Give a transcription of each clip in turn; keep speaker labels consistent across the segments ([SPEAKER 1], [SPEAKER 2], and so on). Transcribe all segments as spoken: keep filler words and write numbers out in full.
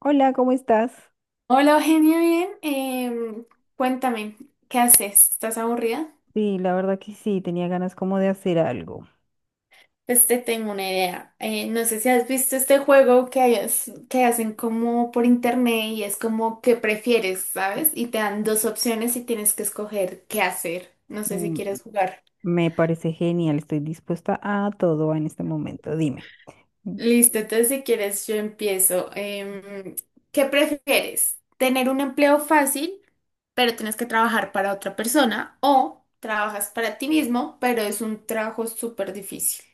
[SPEAKER 1] Hola, ¿cómo estás?
[SPEAKER 2] Hola Eugenia, bien. Em, cuéntame, ¿qué haces? ¿Estás aburrida?
[SPEAKER 1] Sí, la verdad que sí, tenía ganas como de hacer algo.
[SPEAKER 2] Pues te tengo una idea. Eh, no sé si has visto este juego que, hay- es- que hacen como por internet y es como que prefieres, ¿sabes? Y te dan dos opciones y tienes que escoger qué hacer. No sé si
[SPEAKER 1] Mm,
[SPEAKER 2] quieres jugar.
[SPEAKER 1] me parece genial, estoy dispuesta a todo en este momento. Dime. Mm.
[SPEAKER 2] Listo, entonces si quieres yo empiezo. Em, ¿qué prefieres? ¿Tener un empleo fácil, pero tienes que trabajar para otra persona? ¿O trabajas para ti mismo, pero es un trabajo súper difícil?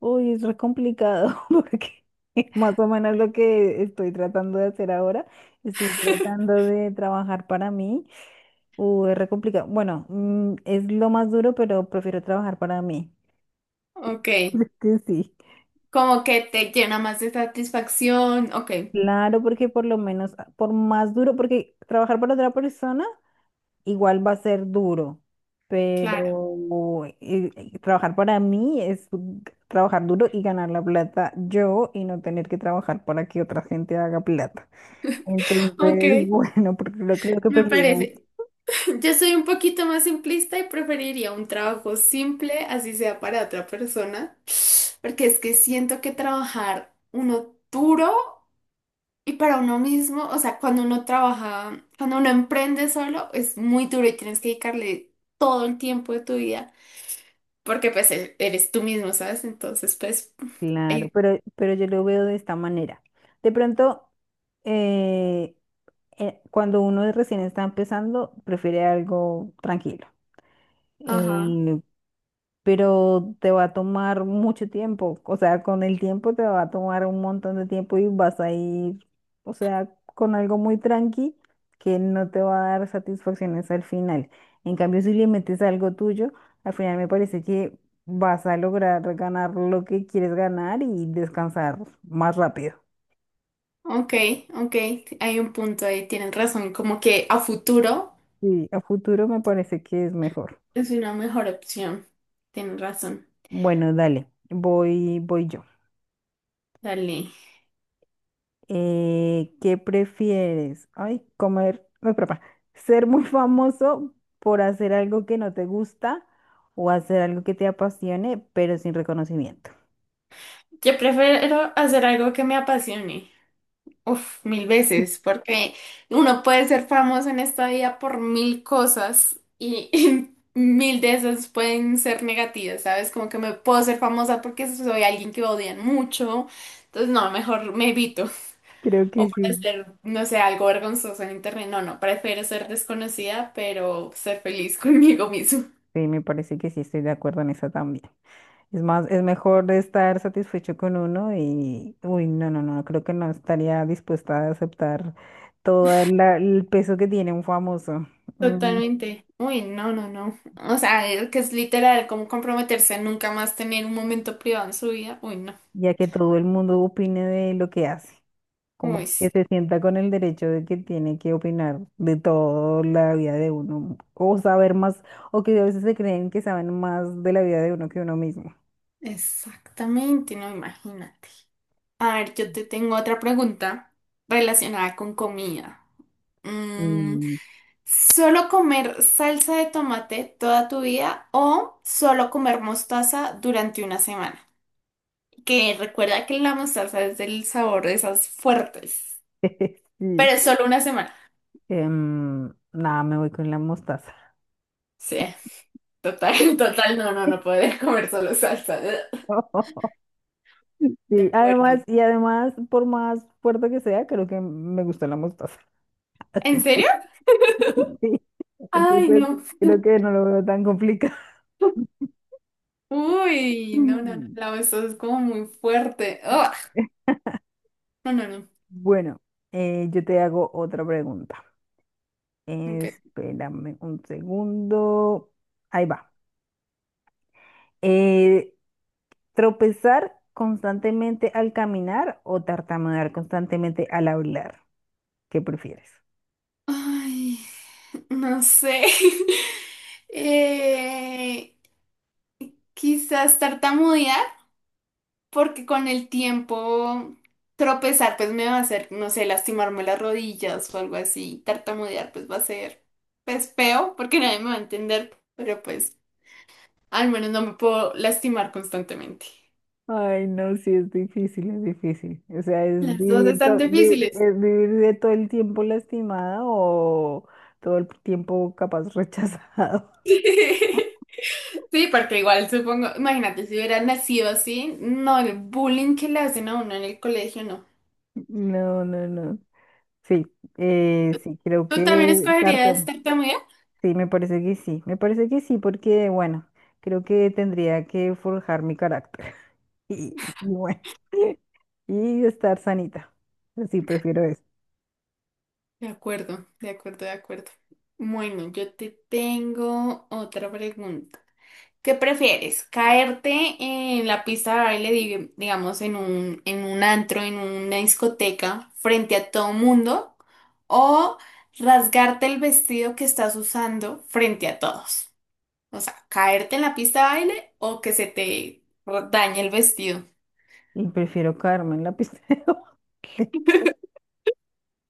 [SPEAKER 1] Uy, es re complicado porque es más o menos lo que estoy tratando de hacer ahora. Estoy tratando de trabajar para mí. Uy, es re complicado. Bueno, mm, es lo más duro, pero prefiero trabajar para mí.
[SPEAKER 2] Ok,
[SPEAKER 1] Es que sí.
[SPEAKER 2] como que te llena más de satisfacción. Ok,
[SPEAKER 1] Claro, porque por lo menos, ah, por más duro, porque trabajar para otra persona igual va a ser duro,
[SPEAKER 2] claro.
[SPEAKER 1] pero eh, eh, trabajar para mí es g- trabajar duro y ganar la plata yo y no tener que trabajar para que otra gente haga plata.
[SPEAKER 2] Ok,
[SPEAKER 1] Entonces, bueno, porque lo creo que
[SPEAKER 2] me
[SPEAKER 1] prefiero.
[SPEAKER 2] parece. Yo soy un poquito más simplista y preferiría un trabajo simple, así sea para otra persona, porque es que siento que trabajar uno duro. Y para uno mismo, o sea, cuando uno trabaja, cuando uno emprende solo, es muy duro y tienes que dedicarle todo el tiempo de tu vida, porque pues e- eres tú mismo, ¿sabes? Entonces, pues,
[SPEAKER 1] Claro,
[SPEAKER 2] ahí-
[SPEAKER 1] pero, pero yo lo veo de esta manera. De pronto, eh, eh, cuando uno recién está empezando, prefiere algo tranquilo.
[SPEAKER 2] ajá,
[SPEAKER 1] Eh, pero te va a tomar mucho tiempo. O sea, con el tiempo te va a tomar un montón de tiempo y vas a ir, o sea, con algo muy tranqui que no te va a dar satisfacciones al final. En cambio, si le metes algo tuyo, al final me parece que vas a lograr ganar lo que quieres ganar y descansar más rápido.
[SPEAKER 2] ok, ok, hay un punto ahí, tienes razón, como que a futuro
[SPEAKER 1] Y a futuro me parece que es mejor.
[SPEAKER 2] es una mejor opción, tienes razón,
[SPEAKER 1] Bueno, dale, voy, voy yo.
[SPEAKER 2] dale.
[SPEAKER 1] Eh, ¿qué prefieres? Ay, comer, no, perdón, ser muy famoso por hacer algo que no te gusta o hacer algo que te apasione, pero sin reconocimiento.
[SPEAKER 2] Yo prefiero hacer algo que me apasione. Uf, mil veces, porque uno puede ser famoso en esta vida por mil cosas y, y mil de esas pueden ser negativas, ¿sabes? Como que me puedo ser famosa porque soy alguien que odian mucho, entonces no, mejor me evito.
[SPEAKER 1] Creo
[SPEAKER 2] O
[SPEAKER 1] que
[SPEAKER 2] por
[SPEAKER 1] sí.
[SPEAKER 2] hacer, no sé, algo vergonzoso en internet, no, no, prefiero ser desconocida, pero ser feliz conmigo mismo.
[SPEAKER 1] Sí, me parece que sí, estoy de acuerdo en eso también. Es más, es mejor estar satisfecho con uno y, uy, no, no, no, creo que no estaría dispuesta a aceptar todo la- el peso que tiene un famoso, mm,
[SPEAKER 2] Totalmente. Uy, no, no, no. O sea, eh, que es literal como comprometerse a nunca más tener un momento privado en su vida. Uy, no.
[SPEAKER 1] ya que todo el mundo opine de lo que hace. Como
[SPEAKER 2] Uy, sí.
[SPEAKER 1] que se sienta con el derecho de que tiene que opinar de toda la vida de uno, o saber más, o que a veces se creen que saben más de la vida de uno que uno mismo.
[SPEAKER 2] Exactamente, no imagínate. A ver, yo te tengo otra pregunta relacionada con comida. Mm,
[SPEAKER 1] Mm.
[SPEAKER 2] ¿solo comer salsa de tomate toda tu vida o solo comer mostaza durante una semana? Que recuerda que la mostaza es del sabor de esas fuertes,
[SPEAKER 1] Sí.
[SPEAKER 2] pero es solo una semana.
[SPEAKER 1] Em, nada, me voy con la mostaza.
[SPEAKER 2] Sí, total, total, no, no, no poder comer solo salsa. De
[SPEAKER 1] Sí,
[SPEAKER 2] acuerdo.
[SPEAKER 1] además, y además, por más fuerte que sea, creo que me gusta la mostaza.
[SPEAKER 2] ¿En
[SPEAKER 1] Así que,
[SPEAKER 2] serio?
[SPEAKER 1] sí,
[SPEAKER 2] Ay,
[SPEAKER 1] entonces
[SPEAKER 2] no.
[SPEAKER 1] creo que no lo veo tan complicado.
[SPEAKER 2] Uy, no, no, no,
[SPEAKER 1] Mm.
[SPEAKER 2] la eso es como muy fuerte. Ah, no, no, no.
[SPEAKER 1] Bueno, eh, yo te hago otra pregunta.
[SPEAKER 2] Ok.
[SPEAKER 1] Espérame un segundo. Ahí va. Eh, Tropezar constantemente al caminar o tartamudear constantemente al hablar. ¿Qué prefieres?
[SPEAKER 2] Ay, no sé. Eh, quizás tartamudear, porque con el tiempo tropezar, pues me va a hacer, no sé, lastimarme las rodillas o algo así. Tartamudear, pues va a ser, pues feo, porque nadie me va a entender, pero pues al menos no me puedo lastimar constantemente.
[SPEAKER 1] Ay, no, sí, es difícil, es difícil. O sea, es
[SPEAKER 2] Las dos
[SPEAKER 1] vivir,
[SPEAKER 2] están
[SPEAKER 1] to- vi-
[SPEAKER 2] difíciles.
[SPEAKER 1] es vivir de todo el tiempo lastimada o todo el tiempo capaz rechazado.
[SPEAKER 2] Sí, porque igual supongo, imagínate, si hubiera nacido así, no, el bullying que le hacen a uno en el colegio, no.
[SPEAKER 1] No, no, no. Sí, eh, sí, creo
[SPEAKER 2] ¿Tú también
[SPEAKER 1] que
[SPEAKER 2] escogerías
[SPEAKER 1] tartam.
[SPEAKER 2] tartamudea?
[SPEAKER 1] Sí, me parece que sí. Me parece que sí, porque, bueno, creo que tendría que forjar mi carácter. Y, y bueno, y estar sanita. Sí, prefiero eso.
[SPEAKER 2] De acuerdo, de acuerdo, de acuerdo. Bueno, yo te tengo otra pregunta. ¿Qué prefieres? ¿Caerte en la pista de baile, dig- digamos, en un, en un antro, en una discoteca, frente a todo mundo? ¿O rasgarte el vestido que estás usando frente a todos? O sea, caerte en la pista de baile o que se te dañe el vestido.
[SPEAKER 1] Y prefiero Carmen, la pisteo.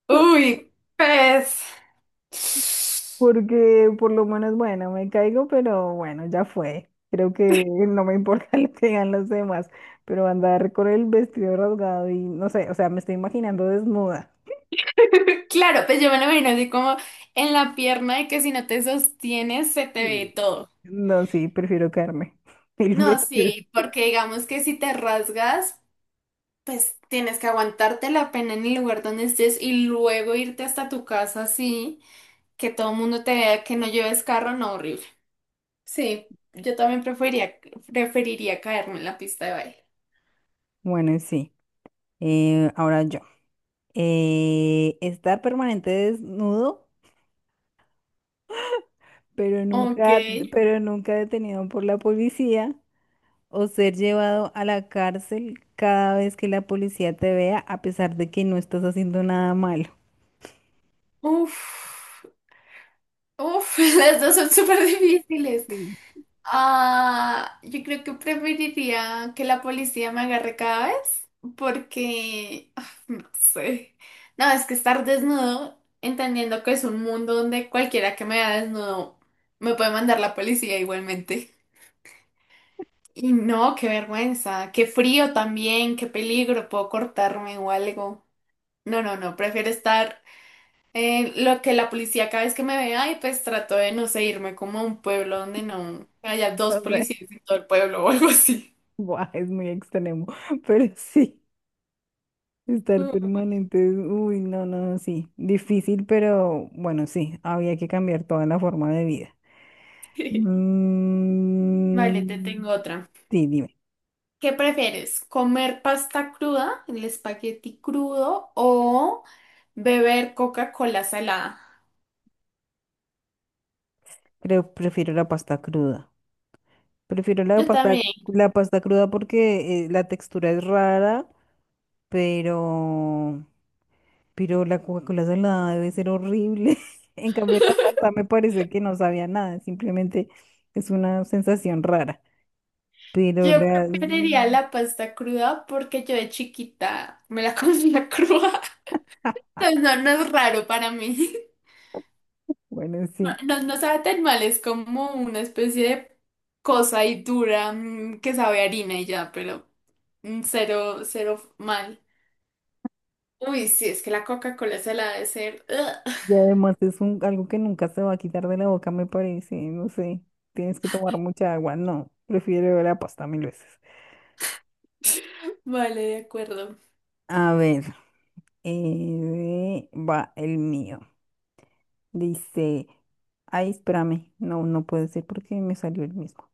[SPEAKER 2] Uy, pues...
[SPEAKER 1] Porque por lo menos, bueno, me caigo, pero bueno, ya fue. Creo que no me importa lo que digan los demás, pero andar con el vestido rasgado y no sé, o sea, me estoy imaginando desnuda.
[SPEAKER 2] Claro, pues yo me lo imagino así como en la pierna de que si no te sostienes se te
[SPEAKER 1] Mm.
[SPEAKER 2] ve todo.
[SPEAKER 1] No, sí, prefiero quedarme mil
[SPEAKER 2] No,
[SPEAKER 1] veces.
[SPEAKER 2] sí, porque digamos que si te rasgas, pues tienes que aguantarte la pena en el lugar donde estés y luego irte hasta tu casa así, que todo el mundo te vea que no lleves carro, no, horrible. Sí, yo también preferiría, preferiría, caerme en la pista de baile.
[SPEAKER 1] Bueno, sí. Eh, ahora yo. Eh, estar permanente desnudo, pero
[SPEAKER 2] Ok.
[SPEAKER 1] nunca, pero nunca detenido por la policía, o ser llevado a la cárcel cada vez que la policía te vea, a pesar de que no estás haciendo nada malo.
[SPEAKER 2] Uf, uf, las dos son súper difíciles.
[SPEAKER 1] Sí,
[SPEAKER 2] Ah, yo creo que preferiría que la policía me agarre cada vez porque, ah, no sé. No, es que estar desnudo, entendiendo que es un mundo donde cualquiera que me vea desnudo me puede mandar la policía igualmente. Y no, qué vergüenza, qué frío también, qué peligro, puedo cortarme o algo. No, no, no, prefiero estar. Eh, lo que la policía cada vez que me vea, y pues trato de no sé, irme como a un pueblo donde no haya dos
[SPEAKER 1] o
[SPEAKER 2] policías en todo el pueblo o algo así.
[SPEAKER 1] buah, es muy extremo, pero sí. Estar permanente, es- uy, no, no, no, sí, difícil, pero bueno, sí, había que cambiar toda la forma de vida. Mm,
[SPEAKER 2] Vale, te tengo otra.
[SPEAKER 1] sí, dime.
[SPEAKER 2] ¿Qué prefieres? ¿Comer pasta cruda, el espagueti crudo, o beber Coca-Cola salada?
[SPEAKER 1] Creo, prefiero la pasta cruda. Prefiero la
[SPEAKER 2] Yo
[SPEAKER 1] pasta,
[SPEAKER 2] también.
[SPEAKER 1] la pasta cruda porque eh, la textura es rara, pero, pero la Coca-Cola salada debe ser horrible. En cambio, la pasta me parece que no sabía nada, simplemente es una sensación rara. Pero
[SPEAKER 2] Yo
[SPEAKER 1] la...
[SPEAKER 2] preferiría la pasta cruda porque yo de chiquita me la comía cruda. Entonces no, no es raro para mí.
[SPEAKER 1] Bueno, sí.
[SPEAKER 2] No, no sabe tan mal, es como una especie de cosa y dura mm, que sabe a harina y ya, pero mm, cero, cero mal. Uy, sí, es que la Coca-Cola se la ha de ser.
[SPEAKER 1] Y además es un, algo que nunca se va a quitar de la boca, me parece, no sé, tienes que tomar mucha agua, no, prefiero la pasta mil veces.
[SPEAKER 2] Vale, de acuerdo.
[SPEAKER 1] A ver, eh, va el mío. Dice, ay, espérame, no, no puede ser porque me salió el mismo.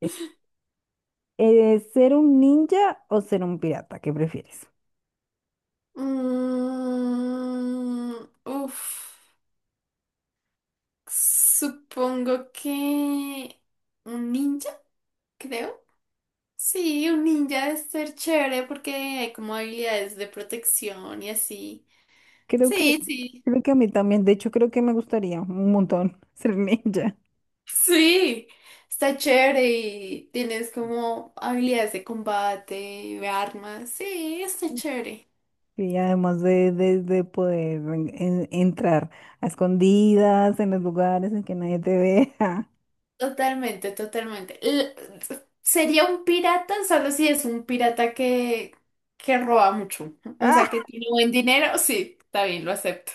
[SPEAKER 1] Eh, eh, ¿Ser un ninja o ser un pirata? ¿Qué prefieres?
[SPEAKER 2] Mm, uf, supongo que un ninja, creo. Sí, un ninja debe ser chévere porque hay como habilidades de protección y así.
[SPEAKER 1] Creo que,
[SPEAKER 2] Sí, sí.
[SPEAKER 1] creo que a mí también, de hecho creo que me gustaría un montón ser ninja.
[SPEAKER 2] Sí, está chévere y tienes como habilidades de combate, de armas. Sí, está chévere.
[SPEAKER 1] Y además de, de, de poder en- en- entrar a escondidas en los lugares en que nadie te vea.
[SPEAKER 2] Totalmente, totalmente. L- sería un pirata solo si es un pirata que, que roba mucho. O sea,
[SPEAKER 1] ¡Ah!
[SPEAKER 2] que tiene buen dinero. Sí, está bien, lo acepto.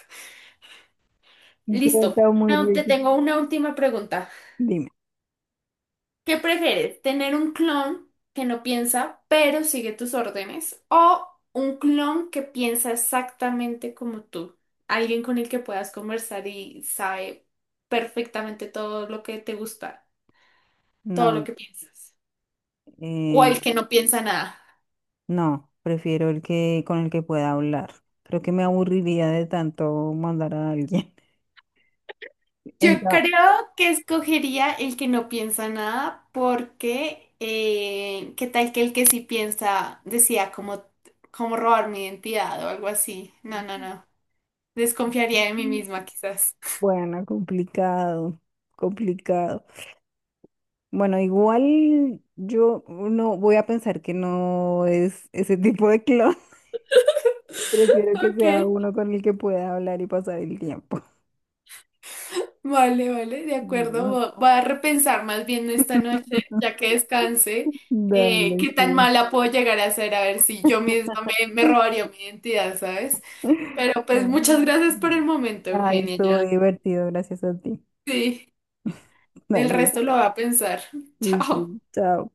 [SPEAKER 1] Creo
[SPEAKER 2] Listo.
[SPEAKER 1] está muy
[SPEAKER 2] Una- te
[SPEAKER 1] rico.
[SPEAKER 2] tengo una última pregunta.
[SPEAKER 1] Dime.
[SPEAKER 2] ¿Qué prefieres? ¿Tener un clon que no piensa, pero sigue tus órdenes? ¿O un clon que piensa exactamente como tú? Alguien con el que puedas conversar y sabe perfectamente todo lo que te gusta, todo lo
[SPEAKER 1] No,
[SPEAKER 2] que piensas. O
[SPEAKER 1] eh,
[SPEAKER 2] el que no piensa nada.
[SPEAKER 1] no, prefiero el que con el que pueda hablar. Creo que me aburriría de tanto mandar a alguien. En
[SPEAKER 2] Yo
[SPEAKER 1] ca-
[SPEAKER 2] creo que escogería el que no piensa nada porque eh, ¿qué tal que el que sí piensa decía como, como robar mi identidad o algo así? No, no, no. Desconfiaría de mí misma, quizás.
[SPEAKER 1] bueno, complicado, complicado. Bueno, igual yo no voy a pensar que no es ese tipo de clon. Y prefiero que
[SPEAKER 2] Ok,
[SPEAKER 1] sea uno con el que pueda hablar y pasar el tiempo.
[SPEAKER 2] vale, vale, de acuerdo.
[SPEAKER 1] Mm.
[SPEAKER 2] Vo- Voy a repensar más bien esta noche, ya que descanse, eh,
[SPEAKER 1] Dale,
[SPEAKER 2] qué tan
[SPEAKER 1] sí.
[SPEAKER 2] mala puedo llegar a ser, a ver si yo misma me, me robaría mi identidad, ¿sabes? Pero pues muchas gracias por el momento,
[SPEAKER 1] Ay,
[SPEAKER 2] Eugenia,
[SPEAKER 1] estuvo
[SPEAKER 2] ya.
[SPEAKER 1] divertido, gracias a ti.
[SPEAKER 2] Sí, el
[SPEAKER 1] Dale,
[SPEAKER 2] resto lo va a pensar.
[SPEAKER 1] sí,
[SPEAKER 2] Chao.
[SPEAKER 1] sí, chao.